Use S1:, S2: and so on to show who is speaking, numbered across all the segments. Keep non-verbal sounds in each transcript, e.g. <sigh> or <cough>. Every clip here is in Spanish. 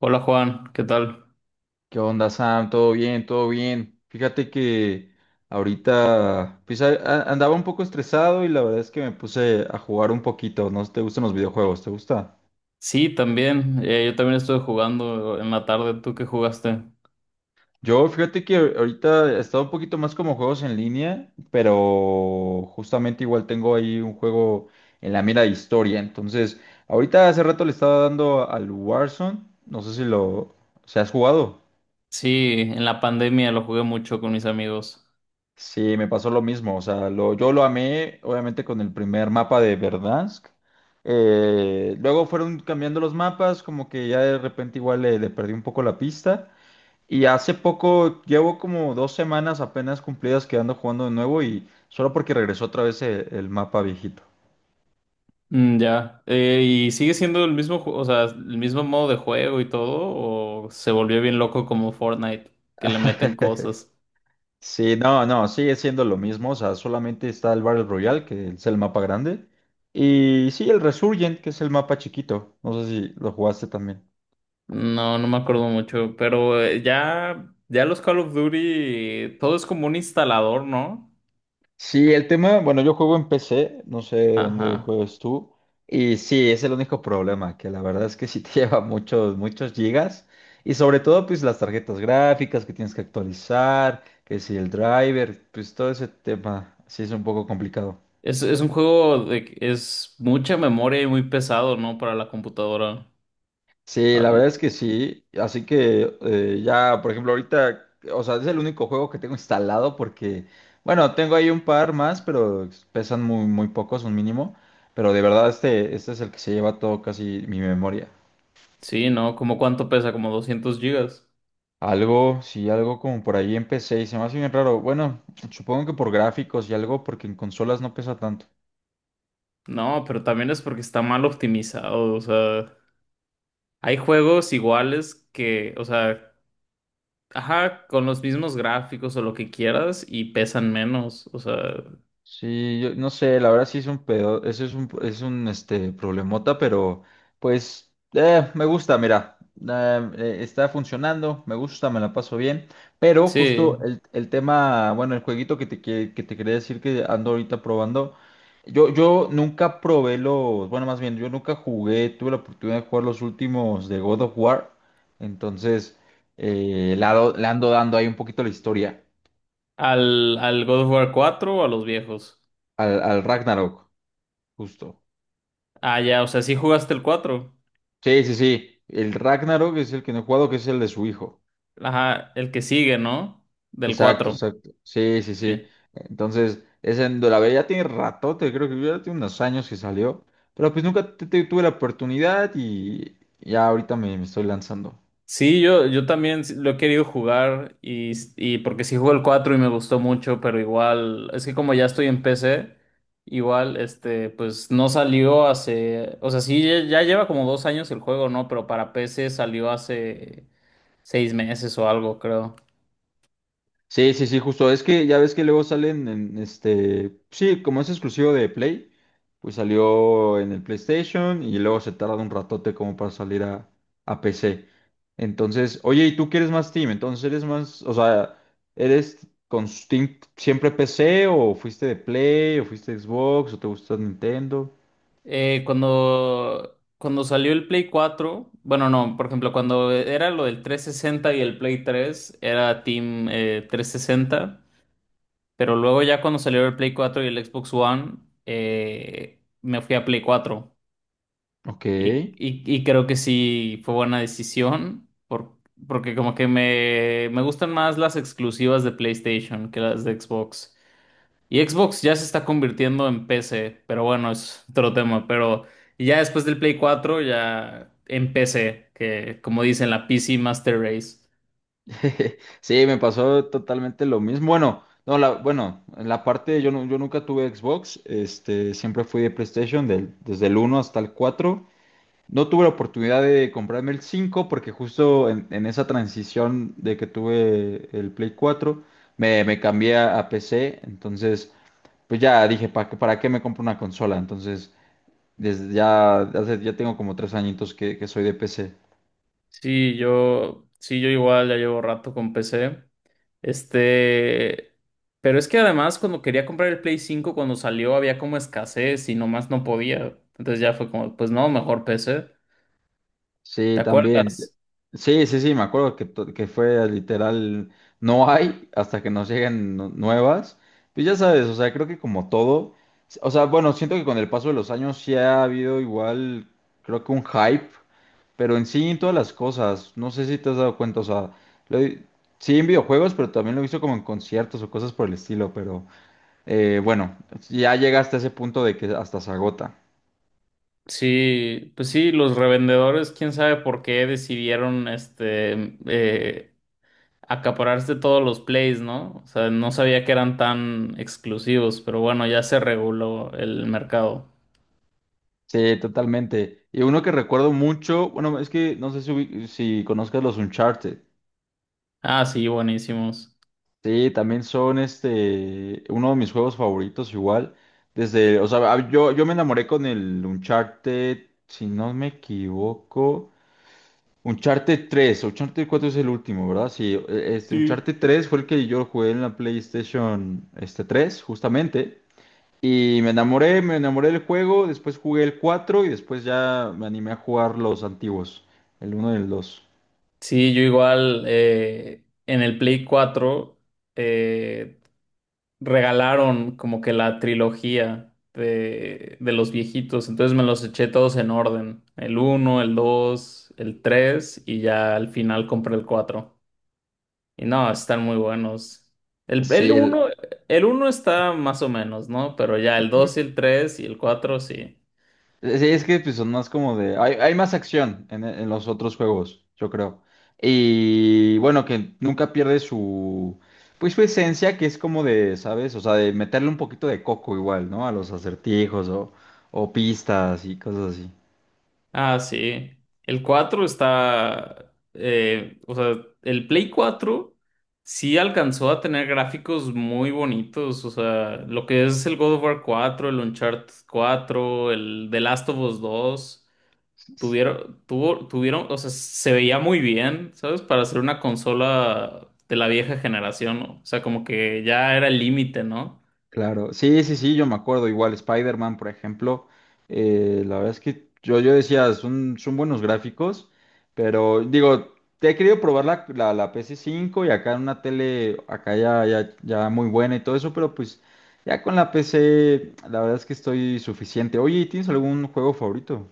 S1: Hola Juan, ¿qué tal?
S2: ¿Qué onda, Sam? ¿Todo bien? ¿Todo bien? Fíjate que ahorita pues, andaba un poco estresado y la verdad es que me puse a jugar un poquito. ¿No te gustan los videojuegos? ¿Te gusta?
S1: Sí, también. Yo también estuve jugando en la tarde. ¿Tú qué jugaste?
S2: Yo fíjate que ahorita he estado un poquito más como juegos en línea, pero justamente igual tengo ahí un juego en la mira de historia. Entonces, ahorita hace rato le estaba dando al Warzone. No sé si lo... ¿Se has jugado?
S1: Sí, en la pandemia lo jugué mucho con mis amigos.
S2: Sí, me pasó lo mismo. O sea, yo lo amé, obviamente, con el primer mapa de Verdansk. Luego fueron cambiando los mapas, como que ya de repente igual le perdí un poco la pista. Y hace poco, llevo como dos semanas apenas cumplidas quedando jugando de nuevo y solo porque regresó otra vez el mapa viejito.
S1: Mm, ya. ¿Y sigue siendo el mismo, o sea, el mismo modo de juego y todo? ¿O se volvió bien loco como Fortnite, que le meten cosas?
S2: Sí, no, sigue siendo lo mismo. O sea, solamente está el Battle Royale, que es el mapa grande. Y sí, el Resurgent, que es el mapa chiquito. No sé si lo jugaste también.
S1: No, no me acuerdo mucho, pero ya, ya los Call of Duty, todo es como un instalador, ¿no?
S2: Sí, el tema, bueno, yo juego en PC, no sé dónde
S1: Ajá.
S2: juegas tú, y sí, es el único problema, que la verdad es que sí te <laughs> lleva muchos, muchos gigas, y sobre todo pues las tarjetas gráficas que tienes que actualizar, que si el driver, pues todo ese tema, sí es un poco complicado.
S1: Es un juego de que es mucha memoria y muy pesado, ¿no? Para la computadora.
S2: Sí,
S1: Ah,
S2: la
S1: y-
S2: verdad es que sí. Así que ya, por ejemplo, ahorita, o sea, es el único juego que tengo instalado porque, bueno, tengo ahí un par más, pero pesan muy, muy pocos, un mínimo. Pero de verdad, este es el que se lleva todo casi mi memoria.
S1: sí, ¿no? ¿Cómo cuánto pesa? Como 200 gigas.
S2: Algo, sí, algo como por ahí empecé y se me hace bien raro. Bueno, supongo que por gráficos y algo, porque en consolas no pesa tanto.
S1: No, pero también es porque está mal optimizado. O sea, hay juegos iguales que, o sea, ajá, con los mismos gráficos o lo que quieras y pesan menos. O sea,
S2: Sí, yo no sé, la verdad sí es un pedo, eso es es un problemota, pero pues me gusta, mira, está funcionando, me gusta, me la paso bien, pero justo
S1: sí.
S2: el tema, bueno, el jueguito que te quería decir que ando ahorita probando, yo nunca probé los, bueno, más bien, yo nunca jugué, tuve la oportunidad de jugar los últimos de God of War, entonces le ando dando ahí un poquito la historia
S1: ¿Al, al God of War 4 o a los viejos?
S2: al Ragnarok, justo.
S1: Ah, ya, o sea, sí jugaste el cuatro.
S2: Sí, sí, sí. El Ragnarok es el que no he jugado, que es el de su hijo.
S1: Ajá, el que sigue, ¿no? Del
S2: Exacto,
S1: cuatro.
S2: exacto. Sí, sí, sí.
S1: Sí.
S2: Entonces, ese en la veía ya tiene ratote, creo que ya tiene unos años que salió. Pero pues nunca tuve la oportunidad y ya ahorita me estoy lanzando.
S1: Sí, yo también lo he querido jugar y porque sí jugué el 4 y me gustó mucho, pero igual, es que como ya estoy en PC, igual, este, pues no salió hace, o sea, sí, ya lleva como dos años el juego, ¿no? Pero para PC salió hace seis meses o algo, creo.
S2: Sí, sí, sí, justo. Es que ya ves que luego salen en este. Sí, como es exclusivo de Play, pues salió en el PlayStation y luego se tarda un ratote como para salir a PC. Entonces, oye, ¿y tú quieres más Team? Entonces, ¿eres más? O sea, ¿eres con Steam siempre PC o fuiste de Play o fuiste de Xbox o te gusta Nintendo?
S1: Cuando salió el Play cuatro, bueno, no, por ejemplo, cuando era lo del 360 y el Play 3 era Team, trescientos sesenta. Pero luego ya cuando salió el Play 4 y el Xbox One, me fui a Play 4.
S2: Ok.
S1: Y, y creo que sí fue buena decisión, porque como que me gustan más las exclusivas de PlayStation que las de Xbox. Y Xbox ya se está convirtiendo en PC, pero bueno, es otro tema. Pero ya después del Play 4, ya en PC, que como dicen, la PC Master Race.
S2: <laughs> Sí, me pasó totalmente lo mismo. Bueno, no, la, bueno, en la parte yo, yo nunca tuve Xbox, este, siempre fui de PlayStation desde el uno hasta el 4. No tuve la oportunidad de comprarme el 5 porque justo en esa transición de que tuve el Play 4, me cambié a PC, entonces pues ya dije, ¿para qué me compro una consola? Entonces, desde ya, ya tengo como tres añitos que soy de PC.
S1: Sí, yo igual ya llevo rato con PC. Este, pero es que además cuando quería comprar el Play cinco cuando salió había como escasez y nomás no podía. Entonces ya fue como, pues no, mejor PC. ¿Te
S2: Sí, también.
S1: acuerdas?
S2: Sí, sí, sí, me acuerdo que fue literal, no hay hasta que nos lleguen nuevas. Pues ya sabes, o sea, creo que como todo, o sea, bueno, siento que con el paso de los años sí ha habido igual, creo que un hype, pero en sí en todas las cosas, no sé si te has dado cuenta, o sea, lo he- sí en videojuegos, pero también lo he visto como en conciertos o cosas por el estilo, pero bueno, ya llega hasta ese punto de que hasta se agota.
S1: Sí, pues sí, los revendedores, quién sabe por qué decidieron acapararse todos los Plays, ¿no? O sea, no sabía que eran tan exclusivos, pero bueno, ya se reguló el mercado.
S2: Sí, totalmente. Y uno que recuerdo mucho, bueno, es que no sé si, si conozcas los Uncharted.
S1: Ah, sí, buenísimos.
S2: Sí, también son este, uno de mis juegos favoritos igual. Desde, o sea, yo me enamoré con el Uncharted, si no me equivoco, Uncharted tres, Uncharted cuatro es el último, ¿verdad? Sí, este,
S1: Sí.
S2: Uncharted tres fue el que yo jugué en la PlayStation este, 3, justamente. Y me enamoré del juego, después jugué el 4 y después ya me animé a jugar los antiguos, el uno y el dos.
S1: Sí, yo igual en el Play cuatro eh, regalaron como que la trilogía de los viejitos, entonces me los eché todos en orden, el uno, el 2, el 3 y ya al final compré el 4. Y no, están muy buenos. El, el
S2: Sí,
S1: uno,
S2: el...
S1: el uno está más o menos, ¿no? Pero ya el
S2: Ujú.
S1: 2, y el 3 y el 4 sí.
S2: Sí, es que pues, son más como de... Hay más acción en los otros juegos, yo creo. Y bueno, que nunca pierde su... Pues su esencia, que es como de, ¿sabes? O sea, de meterle un poquito de coco igual, ¿no? A los acertijos o pistas y cosas así.
S1: Ah, sí. El 4 está, o sea, el Play cuatro sí alcanzó a tener gráficos muy bonitos, o sea, lo que es el God of War 4, el Uncharted 4, el The Last of Us 2 tuvieron, o sea, se veía muy bien, ¿sabes? Para ser una consola de la vieja generación, ¿no? O sea, como que ya era el límite, ¿no?
S2: Claro, sí, sí, sí, yo me acuerdo, igual Spider-Man, por ejemplo, la verdad es que yo decía, son, son buenos gráficos, pero digo, te he querido probar la PC cinco y acá en una tele, acá ya, ya, ya muy buena y todo eso, pero pues ya con la PC, la verdad es que estoy suficiente. Oye, ¿tienes algún juego favorito?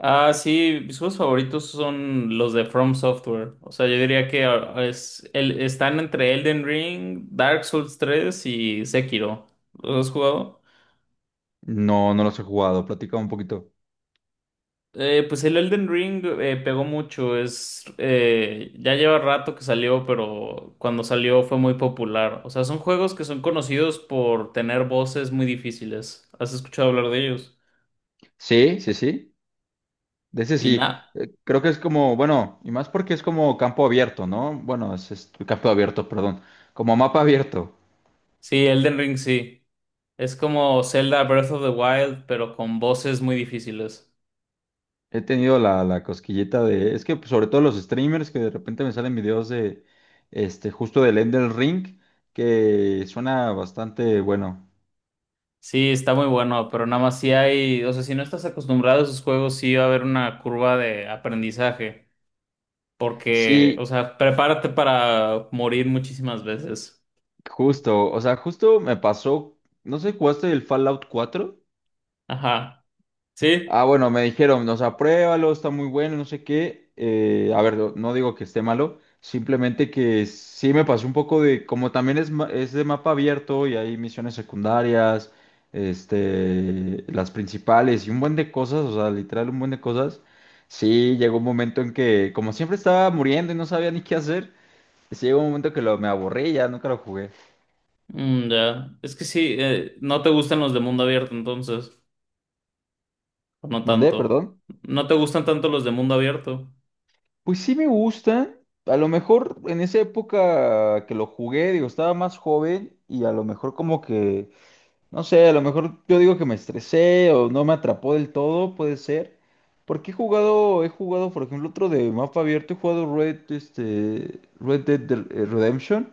S1: Ah, sí, mis juegos favoritos son los de From Software. O sea, yo diría que están entre Elden Ring, Dark Souls 3 y Sekiro. ¿Los has jugado?
S2: No, no los he jugado, platica un poquito.
S1: Pues el Elden Ring pegó mucho. Ya lleva rato que salió, pero cuando salió fue muy popular. O sea, son juegos que son conocidos por tener voces muy difíciles. ¿Has escuchado hablar de ellos?
S2: Sí, sí, sí. De ese
S1: Y
S2: sí,
S1: nada.
S2: creo que es como, bueno, y más porque es como campo abierto, ¿no? Bueno, campo abierto, perdón, como mapa abierto.
S1: Sí, Elden Ring sí. Es como Zelda Breath of the Wild, pero con voces muy difíciles.
S2: He tenido la cosquillita de, es que pues, sobre todo los streamers que de repente me salen videos de, este, justo del Elden Ring, que suena bastante bueno.
S1: Sí, está muy bueno, pero nada más si hay, o sea, si no estás acostumbrado a esos juegos, sí va a haber una curva de aprendizaje, porque,
S2: Sí,
S1: o sea, prepárate para morir muchísimas veces.
S2: justo, o sea, justo me pasó, no sé, ¿jugaste el Fallout cuatro?
S1: Ajá. ¿Sí?
S2: Ah, bueno, me dijeron, nos apruébalo, está muy bueno, no sé qué. A ver, no no digo que esté malo, simplemente que sí me pasó un poco de, como también es, es de mapa abierto y hay misiones secundarias, este, las principales y un buen de cosas, o sea, literal un buen de cosas. Sí, llegó un momento en que, como siempre estaba muriendo y no sabía ni qué hacer, sí llegó un momento me aburrí, ya nunca lo jugué.
S1: Mm, ya. Es que sí, no te gustan los de mundo abierto entonces, o no
S2: Mandé,
S1: tanto.
S2: perdón.
S1: No te gustan tanto los de mundo abierto.
S2: Pues sí me gustan. A lo mejor en esa época que lo jugué, digo, estaba más joven y a lo mejor como que, no sé, a lo mejor yo digo que me estresé o no me atrapó del todo, puede ser. Porque he jugado, por ejemplo, otro de mapa abierto, he jugado Red, este, Redemption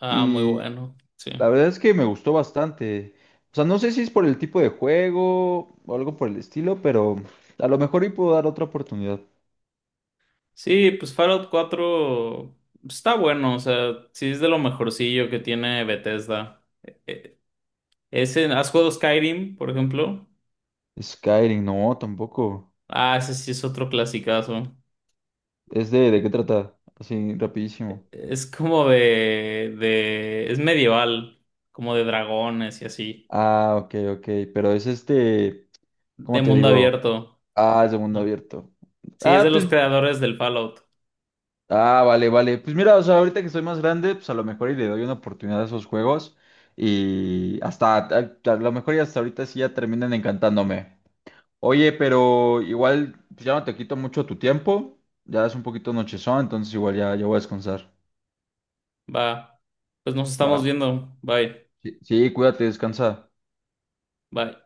S1: Ah, muy
S2: y
S1: bueno, sí.
S2: la verdad es que me gustó bastante. O sea, no sé si es por el tipo de juego o algo por el estilo, pero a lo mejor y puedo dar otra oportunidad.
S1: Sí, pues Fallout cuatro está bueno, o sea, sí es de lo mejorcillo que tiene Bethesda. Ese, ¿has jugado Skyrim, por ejemplo?
S2: Skyrim, no, tampoco.
S1: Ah, ese sí es otro clasicazo.
S2: ¿Es de qué trata? Así, rapidísimo.
S1: Es como es medieval, como de dragones y así,
S2: Ah, ok, ok. Pero es este,
S1: de
S2: ¿cómo te
S1: mundo
S2: digo?
S1: abierto.
S2: Ah, es de mundo
S1: Ajá.
S2: abierto.
S1: Sí, es
S2: Ah,
S1: de los
S2: pues,
S1: creadores del Fallout.
S2: ah, vale, vale. Pues mira, o sea, ahorita que soy más grande, pues a lo mejor y le doy una oportunidad a esos juegos. Y hasta, a lo mejor y hasta ahorita sí ya terminan encantándome. Oye, pero igual, pues ya no te quito mucho tu tiempo. Ya es un poquito nochezón, entonces igual ya, ya voy a descansar.
S1: Va, pues nos estamos
S2: Va.
S1: viendo. Bye,
S2: Sí, sí, cuídate, descansa.
S1: bye.